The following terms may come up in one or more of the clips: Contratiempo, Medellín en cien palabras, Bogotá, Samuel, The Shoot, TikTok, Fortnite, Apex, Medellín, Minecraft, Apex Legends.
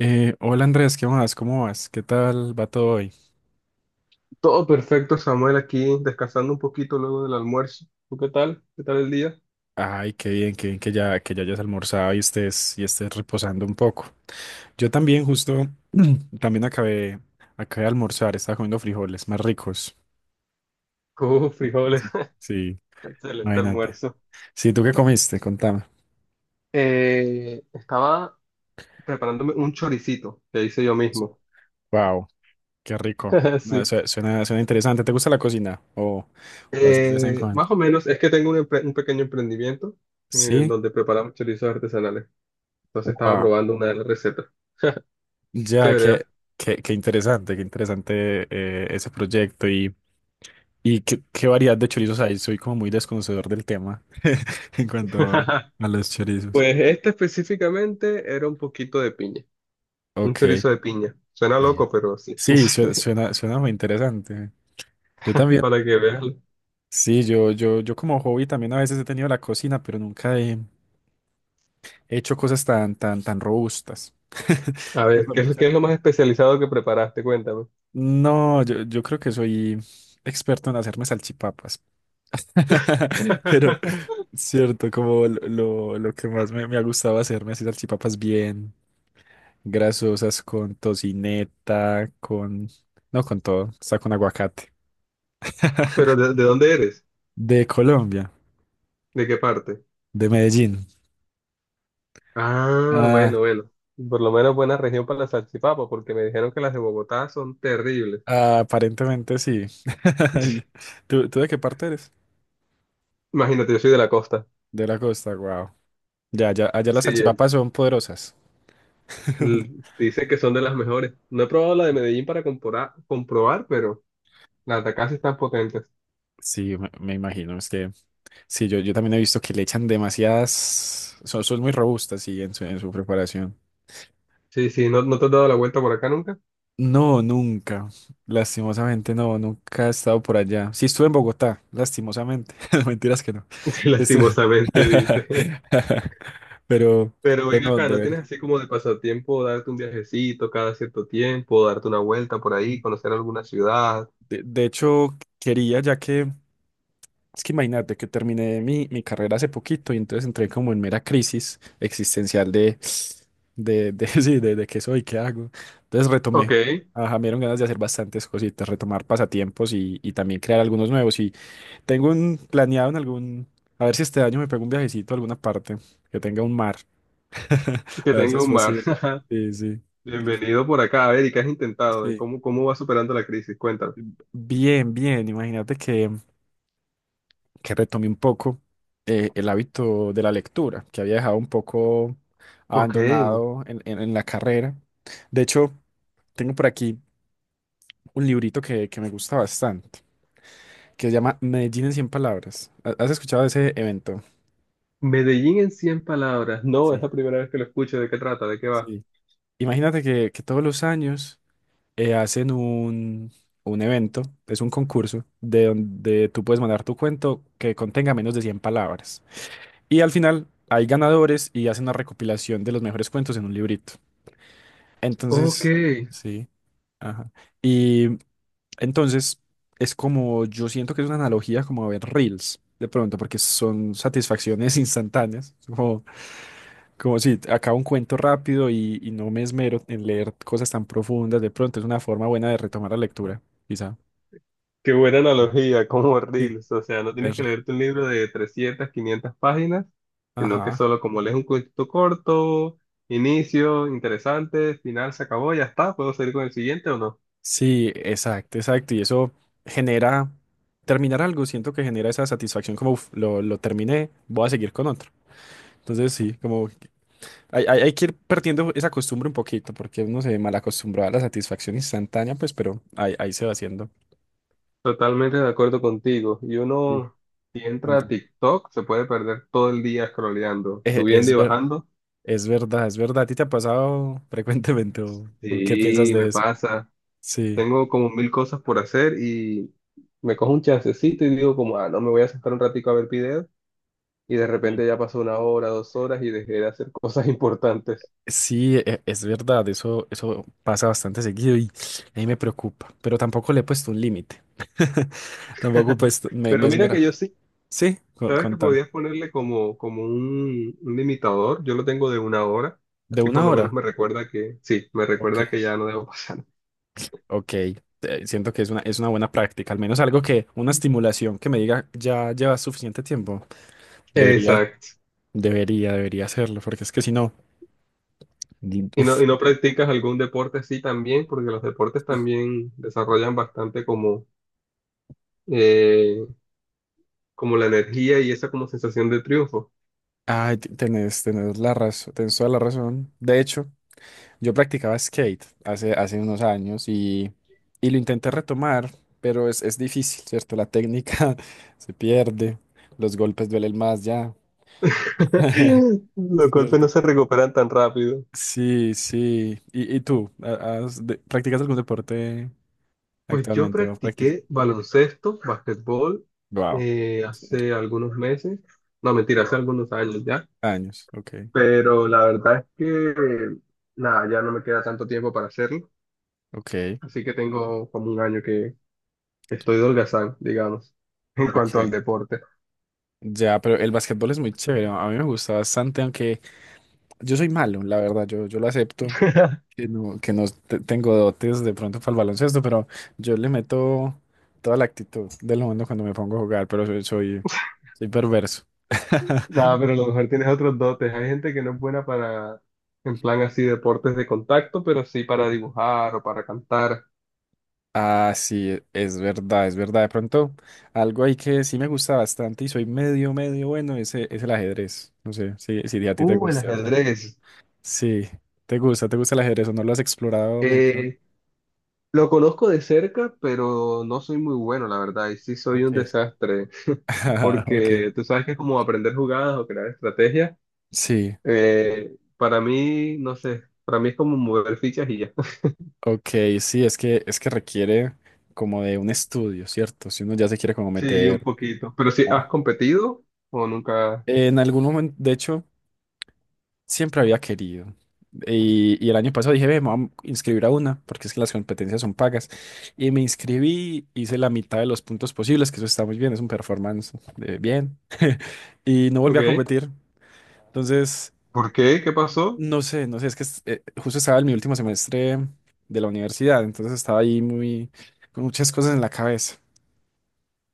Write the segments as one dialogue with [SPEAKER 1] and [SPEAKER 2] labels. [SPEAKER 1] Hola Andrés, ¿qué más? ¿Cómo vas? ¿Qué tal va todo hoy?
[SPEAKER 2] Todo perfecto, Samuel, aquí descansando un poquito luego del almuerzo. ¿Tú qué tal? ¿Qué tal el día?
[SPEAKER 1] Ay, qué bien que ya hayas almorzado y estés reposando un poco. Yo también justo, también acabé de almorzar, estaba comiendo frijoles más ricos.
[SPEAKER 2] Frijoles.
[SPEAKER 1] Sí, sí,
[SPEAKER 2] Excelente
[SPEAKER 1] imagínate.
[SPEAKER 2] almuerzo.
[SPEAKER 1] Sí, ¿tú qué comiste? Contame.
[SPEAKER 2] Estaba preparándome un choricito que hice yo
[SPEAKER 1] Eso.
[SPEAKER 2] mismo.
[SPEAKER 1] Wow, qué rico. No,
[SPEAKER 2] Sí.
[SPEAKER 1] suena, suena interesante. ¿Te gusta la cocina? ¿O lo haces de vez en cuando?
[SPEAKER 2] Más o menos es que tengo un pequeño emprendimiento en
[SPEAKER 1] Sí.
[SPEAKER 2] donde preparamos chorizos artesanales. Entonces estaba
[SPEAKER 1] Wow.
[SPEAKER 2] probando una de las recetas.
[SPEAKER 1] Ya, qué,
[SPEAKER 2] Chévere,
[SPEAKER 1] qué interesante ese proyecto y qué variedad de chorizos hay. Soy como muy desconocedor del tema en
[SPEAKER 2] ¿ah?
[SPEAKER 1] cuanto a los chorizos.
[SPEAKER 2] Pues este específicamente era un poquito de piña, un
[SPEAKER 1] Ok.
[SPEAKER 2] chorizo de piña. Suena
[SPEAKER 1] Bien.
[SPEAKER 2] loco, pero sí,
[SPEAKER 1] Sí, suena, suena muy interesante. Yo también.
[SPEAKER 2] para que veas.
[SPEAKER 1] Sí, yo como hobby también a veces he tenido la cocina, pero nunca he he hecho cosas tan robustas.
[SPEAKER 2] A ver,
[SPEAKER 1] Perdón,
[SPEAKER 2] qué
[SPEAKER 1] Mecha.
[SPEAKER 2] es lo más especializado que preparaste? Cuéntame.
[SPEAKER 1] No, yo creo que soy experto en hacerme salchipapas. Pero, cierto, como lo que más me ha gustado hacerme así salchipapas bien grasosas con tocineta, con... No, con todo, está con aguacate.
[SPEAKER 2] Pero de dónde eres?
[SPEAKER 1] De Colombia,
[SPEAKER 2] ¿De qué parte?
[SPEAKER 1] de Medellín.
[SPEAKER 2] Ah,
[SPEAKER 1] Ah,
[SPEAKER 2] bueno, bueno. Por lo menos buena región para las salchipapas, porque me dijeron que las de Bogotá son terribles.
[SPEAKER 1] aparentemente sí. Ay, ¿tú de qué parte eres?
[SPEAKER 2] Imagínate, yo soy de la costa.
[SPEAKER 1] De la costa, wow. Ya, allá las
[SPEAKER 2] Sí,
[SPEAKER 1] salchipapas son poderosas.
[SPEAKER 2] dice que son de las mejores. No he probado la de Medellín para comprobar, pero las de acá sí están potentes.
[SPEAKER 1] Sí, me imagino, es que sí, yo también he visto que le echan demasiadas, son muy robustas sí en en su preparación.
[SPEAKER 2] Sí, sí, no te has dado la vuelta por acá nunca?
[SPEAKER 1] No, nunca. Lastimosamente nunca he estado por allá. Sí estuve en Bogotá, lastimosamente. Mentiras que no.
[SPEAKER 2] Sí,
[SPEAKER 1] Estuve-
[SPEAKER 2] lastimosamente, dice.
[SPEAKER 1] Pero,
[SPEAKER 2] Pero
[SPEAKER 1] pero
[SPEAKER 2] ven
[SPEAKER 1] no,
[SPEAKER 2] acá, ¿no
[SPEAKER 1] debería.
[SPEAKER 2] tienes así como de pasatiempo darte un viajecito cada cierto tiempo, darte una vuelta por ahí, conocer alguna ciudad?
[SPEAKER 1] De hecho, quería, ya que es que imagínate que terminé mi carrera hace poquito y entonces entré como en mera crisis existencial sí, de qué soy, qué hago. Entonces
[SPEAKER 2] Ok,
[SPEAKER 1] retomé.
[SPEAKER 2] que
[SPEAKER 1] Ajá, me dieron ganas de hacer bastantes cositas, retomar pasatiempos y también crear algunos nuevos. Y tengo un planeado en algún, a ver si este año me pego un viajecito a alguna parte que tenga un mar, a ver si
[SPEAKER 2] tenga
[SPEAKER 1] es
[SPEAKER 2] un mar.
[SPEAKER 1] posible. Sí, sí,
[SPEAKER 2] Bienvenido por acá. A ver, ¿y qué has intentado?
[SPEAKER 1] sí.
[SPEAKER 2] ¿Cómo, cómo vas superando la crisis? Cuéntame.
[SPEAKER 1] Bien, bien, imagínate que retomé un poco el hábito de la lectura, que había dejado un poco
[SPEAKER 2] Ok,
[SPEAKER 1] abandonado en la carrera. De hecho, tengo por aquí un librito que me gusta bastante, que se llama Medellín en cien palabras. Has escuchado de ese evento?
[SPEAKER 2] Medellín en cien palabras. No, es
[SPEAKER 1] Sí.
[SPEAKER 2] la primera vez que lo escucho. ¿De qué trata? ¿De qué va?
[SPEAKER 1] Sí. Imagínate que todos los años hacen un evento, es un concurso, de donde tú puedes mandar tu cuento que contenga menos de 100 palabras. Y al final hay ganadores y hacen una recopilación de los mejores cuentos en un librito.
[SPEAKER 2] Ok.
[SPEAKER 1] Entonces, sí. Ajá. Y entonces es como, yo siento que es una analogía como a ver reels, de pronto, porque son satisfacciones instantáneas. Como, como si acabo un cuento rápido y no me esmero en leer cosas tan profundas, de pronto es una forma buena de retomar la lectura, quizá.
[SPEAKER 2] Qué buena analogía, como
[SPEAKER 1] Sí.
[SPEAKER 2] Reels. O sea, no
[SPEAKER 1] Ver-
[SPEAKER 2] tienes que leerte un libro de 300, 500 páginas, sino que
[SPEAKER 1] Ajá.
[SPEAKER 2] solo como lees un cuento corto, inicio, interesante, final, se acabó, ya está, puedo seguir con el siguiente o no.
[SPEAKER 1] Sí, exacto, exacto. Y eso genera, terminar algo, siento que genera esa satisfacción como, "Uf, lo terminé, voy a seguir con otro". Entonces, sí, como hay, hay que ir perdiendo esa costumbre un poquito, porque uno se mal acostumbraba a la satisfacción instantánea, pues, pero ahí se va haciendo.
[SPEAKER 2] Totalmente de acuerdo contigo. Y
[SPEAKER 1] Sí.
[SPEAKER 2] uno, si entra a
[SPEAKER 1] Tonto.
[SPEAKER 2] TikTok, se puede perder todo el día scrolleando,
[SPEAKER 1] Eh,
[SPEAKER 2] subiendo
[SPEAKER 1] es
[SPEAKER 2] y
[SPEAKER 1] ver,
[SPEAKER 2] bajando.
[SPEAKER 1] es verdad, es verdad. ¿A ti te ha pasado frecuentemente o qué piensas
[SPEAKER 2] Sí, me
[SPEAKER 1] de eso?
[SPEAKER 2] pasa.
[SPEAKER 1] Sí.
[SPEAKER 2] Tengo como mil cosas por hacer y me cojo un chancecito y digo como, ah, no, me voy a sentar un ratico a ver videos y de
[SPEAKER 1] Sí.
[SPEAKER 2] repente ya pasó una hora, dos horas y dejé de hacer cosas importantes.
[SPEAKER 1] Sí, es verdad, eso pasa bastante seguido y a mí me preocupa, pero tampoco le he puesto un límite. Tampoco pues me
[SPEAKER 2] Pero mira que
[SPEAKER 1] esmera.
[SPEAKER 2] yo sí,
[SPEAKER 1] Sí,
[SPEAKER 2] sabes que
[SPEAKER 1] contame.
[SPEAKER 2] podías ponerle como, un limitador, yo lo tengo de una hora,
[SPEAKER 1] ¿De
[SPEAKER 2] así
[SPEAKER 1] una
[SPEAKER 2] por lo menos
[SPEAKER 1] hora?
[SPEAKER 2] me recuerda que, sí, me
[SPEAKER 1] Ok.
[SPEAKER 2] recuerda que ya no debo pasar.
[SPEAKER 1] Ok, siento que es es una buena práctica, al menos algo que, una estimulación que me diga, ya llevas suficiente tiempo. Debería,
[SPEAKER 2] Exacto.
[SPEAKER 1] debería hacerlo, porque es que si no, Di- uff.
[SPEAKER 2] Y no practicas algún deporte así también? Porque los deportes también desarrollan bastante como, eh, como la energía y esa como sensación de triunfo.
[SPEAKER 1] Ay, tenés, tenés la razón, tenés toda la razón. De hecho, yo practicaba skate hace unos años y lo intenté retomar, pero es difícil, ¿cierto? La técnica se pierde, los golpes duelen más ya,
[SPEAKER 2] Los golpes no
[SPEAKER 1] ¿cierto?
[SPEAKER 2] se recuperan tan rápido.
[SPEAKER 1] Sí, sí. Y tú? Practicas algún deporte
[SPEAKER 2] Pues yo
[SPEAKER 1] actualmente o practicas?
[SPEAKER 2] practiqué baloncesto, basquetbol,
[SPEAKER 1] Wow.
[SPEAKER 2] hace algunos meses, no mentira, hace algunos años ya,
[SPEAKER 1] Años. Ok,
[SPEAKER 2] pero la verdad es que nada, ya no me queda tanto tiempo para hacerlo,
[SPEAKER 1] ok,
[SPEAKER 2] así que tengo como un año que estoy de holgazán, digamos, en cuanto al
[SPEAKER 1] ok.
[SPEAKER 2] deporte.
[SPEAKER 1] Ya, pero el básquetbol es muy chévere. A mí me gusta bastante, aunque yo soy malo, la verdad. Yo lo acepto, que no te- tengo dotes de pronto para el baloncesto, pero yo le meto toda la actitud del mundo cuando me pongo a jugar, pero soy perverso.
[SPEAKER 2] Nada, pero a lo mejor tienes otros dotes. Hay gente que no es buena para, en plan así, deportes de contacto, pero sí para dibujar o para cantar.
[SPEAKER 1] Ah, sí, es verdad, es verdad. De pronto, algo ahí que sí me gusta bastante y soy medio bueno es, es el ajedrez. No sé si, si a ti te
[SPEAKER 2] El
[SPEAKER 1] gusta eso.
[SPEAKER 2] ajedrez.
[SPEAKER 1] Sí, te gusta el ajedrez o no lo has explorado mucho.
[SPEAKER 2] Eh, Lo conozco de cerca, pero no soy muy bueno, la verdad, y sí soy un
[SPEAKER 1] Okay.
[SPEAKER 2] desastre,
[SPEAKER 1] Ok.
[SPEAKER 2] porque tú sabes que es como aprender jugadas o crear estrategias.
[SPEAKER 1] Sí,
[SPEAKER 2] Para mí, no sé, para mí es como mover fichas y ya.
[SPEAKER 1] ok, sí, es que requiere como de un estudio, ¿cierto? Si uno ya se quiere como
[SPEAKER 2] Sí, un
[SPEAKER 1] meter
[SPEAKER 2] poquito. Pero sí, ¿has
[SPEAKER 1] ah,
[SPEAKER 2] competido o nunca?
[SPEAKER 1] en algún momento, de hecho, siempre había querido. Y el año pasado dije, ve, me voy a inscribir a una, porque es que las competencias son pagas. Y me inscribí, hice la mitad de los puntos posibles, que eso está muy bien, es un performance de bien. Y no volví a
[SPEAKER 2] Ok.
[SPEAKER 1] competir. Entonces,
[SPEAKER 2] ¿Por qué? ¿Qué pasó?
[SPEAKER 1] no sé, justo estaba en mi último semestre de la universidad, entonces estaba ahí muy, con muchas cosas en la cabeza.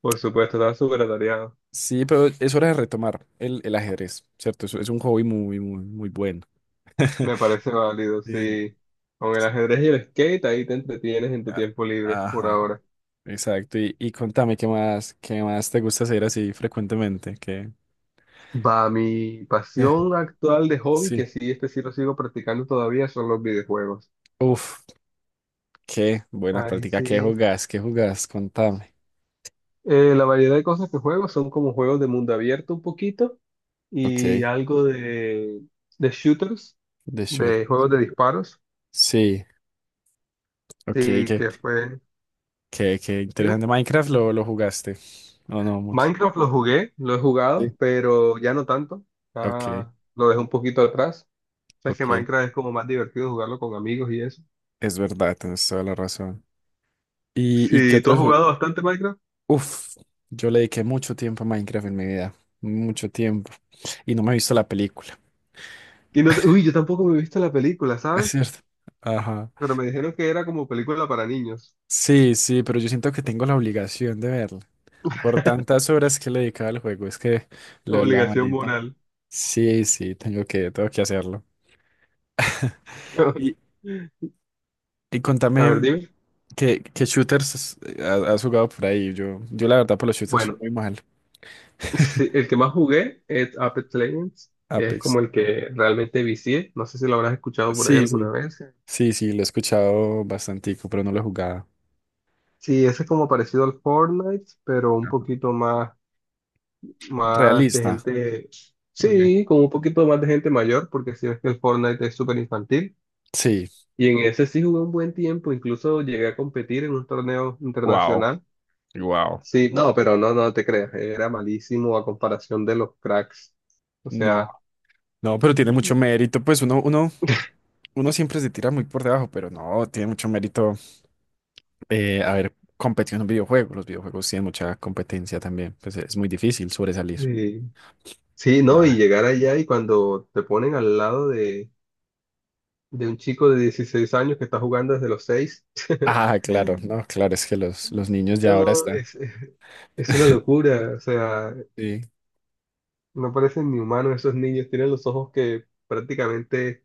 [SPEAKER 2] Por supuesto, estaba súper atareado.
[SPEAKER 1] Sí, pero es hora de retomar el ajedrez, ¿cierto? Es un hobby muy bueno.
[SPEAKER 2] Me parece válido,
[SPEAKER 1] Sí.
[SPEAKER 2] sí. Con el ajedrez y el skate, ahí te entretienes en tu
[SPEAKER 1] a-
[SPEAKER 2] tiempo libre por
[SPEAKER 1] Ajá.
[SPEAKER 2] ahora.
[SPEAKER 1] Exacto, y contame qué más te gusta hacer así frecuentemente, que
[SPEAKER 2] Va, mi pasión actual de hobby,
[SPEAKER 1] sí.
[SPEAKER 2] que sí, este sí lo sigo practicando todavía, son los videojuegos.
[SPEAKER 1] Uf, qué buena
[SPEAKER 2] Ay,
[SPEAKER 1] práctica,
[SPEAKER 2] sí.
[SPEAKER 1] qué jugás, contame.
[SPEAKER 2] La variedad de cosas que juego son como juegos de mundo abierto un poquito y
[SPEAKER 1] Ok,
[SPEAKER 2] algo de shooters,
[SPEAKER 1] The Shoot.
[SPEAKER 2] de juegos de disparos.
[SPEAKER 1] Sí, ok,
[SPEAKER 2] Sí,
[SPEAKER 1] qué,
[SPEAKER 2] que fue...
[SPEAKER 1] qué
[SPEAKER 2] Dime.
[SPEAKER 1] interesante. ¿Minecraft lo jugaste? ¿O no, mucho?
[SPEAKER 2] Minecraft lo jugué, lo he jugado,
[SPEAKER 1] Sí.
[SPEAKER 2] pero ya no tanto.
[SPEAKER 1] Ok,
[SPEAKER 2] Ya lo dejé un poquito atrás. O sea, es
[SPEAKER 1] ok.
[SPEAKER 2] que Minecraft es como más divertido jugarlo con amigos y eso.
[SPEAKER 1] Es verdad, tienes toda la razón. Y qué
[SPEAKER 2] Sí, tú has
[SPEAKER 1] otros? Jue-
[SPEAKER 2] jugado bastante Minecraft.
[SPEAKER 1] Uf, yo le dediqué mucho tiempo a Minecraft en mi vida, mucho tiempo, y no me he visto la película.
[SPEAKER 2] Uy, yo tampoco me he visto la película,
[SPEAKER 1] Es
[SPEAKER 2] ¿sabes?
[SPEAKER 1] cierto. Ajá.
[SPEAKER 2] Pero me dijeron que era como película para niños.
[SPEAKER 1] Sí, sí, pero yo siento que tengo la obligación de verla. Por tantas horas que le dedicaba al juego, es que lo
[SPEAKER 2] Obligación
[SPEAKER 1] amerita.
[SPEAKER 2] moral.
[SPEAKER 1] Sí, sí, tengo que hacerlo. Y, y
[SPEAKER 2] A ver,
[SPEAKER 1] contame
[SPEAKER 2] dime.
[SPEAKER 1] qué shooters has jugado por ahí. Yo la verdad por los shooters soy
[SPEAKER 2] Bueno,
[SPEAKER 1] muy mal.
[SPEAKER 2] sí, el que más jugué es Apex Legends, que es
[SPEAKER 1] Apex.
[SPEAKER 2] como el que realmente vicié. No sé si lo habrás escuchado por ahí
[SPEAKER 1] Sí,
[SPEAKER 2] alguna
[SPEAKER 1] sí.
[SPEAKER 2] vez.
[SPEAKER 1] Sí, sí, lo he escuchado bastantico, pero no lo he jugado.
[SPEAKER 2] Sí, ese es como parecido al Fortnite, pero un
[SPEAKER 1] Ajá.
[SPEAKER 2] poquito más, más de
[SPEAKER 1] Realista.
[SPEAKER 2] gente.
[SPEAKER 1] Okay.
[SPEAKER 2] Sí, como un poquito más de gente mayor, porque si ves que el Fortnite es súper infantil.
[SPEAKER 1] Sí.
[SPEAKER 2] Y en ese sí jugué un buen tiempo, incluso llegué a competir en un torneo
[SPEAKER 1] Wow.
[SPEAKER 2] internacional.
[SPEAKER 1] Wow.
[SPEAKER 2] Sí, no, pero no, no te creas, era malísimo a comparación de los cracks. O
[SPEAKER 1] No.
[SPEAKER 2] sea,
[SPEAKER 1] No, pero tiene mucho mérito, pues uno siempre se tira muy por debajo, pero no, tiene mucho mérito haber competido en un videojuego. Los videojuegos tienen mucha competencia también, pues es muy difícil sobresalir.
[SPEAKER 2] eh, sí, no,
[SPEAKER 1] No.
[SPEAKER 2] y llegar allá y cuando te ponen al lado de un chico de 16 años que está jugando desde los 6,
[SPEAKER 1] Ah, claro, no, claro, es que los niños ya ahora
[SPEAKER 2] no,
[SPEAKER 1] están.
[SPEAKER 2] es una locura. O sea,
[SPEAKER 1] Sí.
[SPEAKER 2] no parecen ni humanos esos niños, tienen los ojos que prácticamente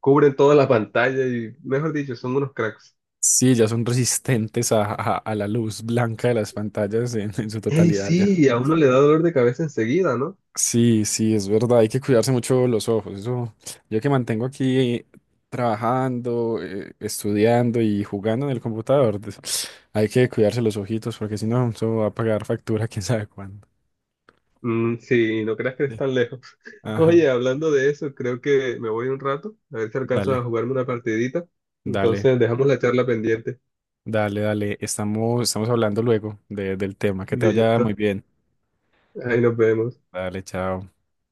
[SPEAKER 2] cubren toda la pantalla y, mejor dicho, son unos cracks.
[SPEAKER 1] Sí, ya son resistentes a la luz blanca de las pantallas en su totalidad.
[SPEAKER 2] Sí, a uno le da dolor de cabeza enseguida, ¿no?
[SPEAKER 1] Sí, sí, es verdad, hay que cuidarse mucho los ojos. Eso, yo que mantengo aquí trabajando, estudiando y jugando en el computador, des- hay que cuidarse los ojitos porque si no, eso va a pagar factura quién sabe cuándo.
[SPEAKER 2] Mm, sí, no creas que es
[SPEAKER 1] Sí.
[SPEAKER 2] tan lejos.
[SPEAKER 1] Ajá,
[SPEAKER 2] Oye, hablando de eso, creo que me voy un rato, a ver si alcanzo a
[SPEAKER 1] dale,
[SPEAKER 2] jugarme una partidita.
[SPEAKER 1] dale,
[SPEAKER 2] Entonces, dejamos la charla pendiente.
[SPEAKER 1] dale, dale. Estamos, estamos hablando luego del tema. Que te vaya muy
[SPEAKER 2] Listo,
[SPEAKER 1] bien.
[SPEAKER 2] ahí nos vemos.
[SPEAKER 1] Dale, chao.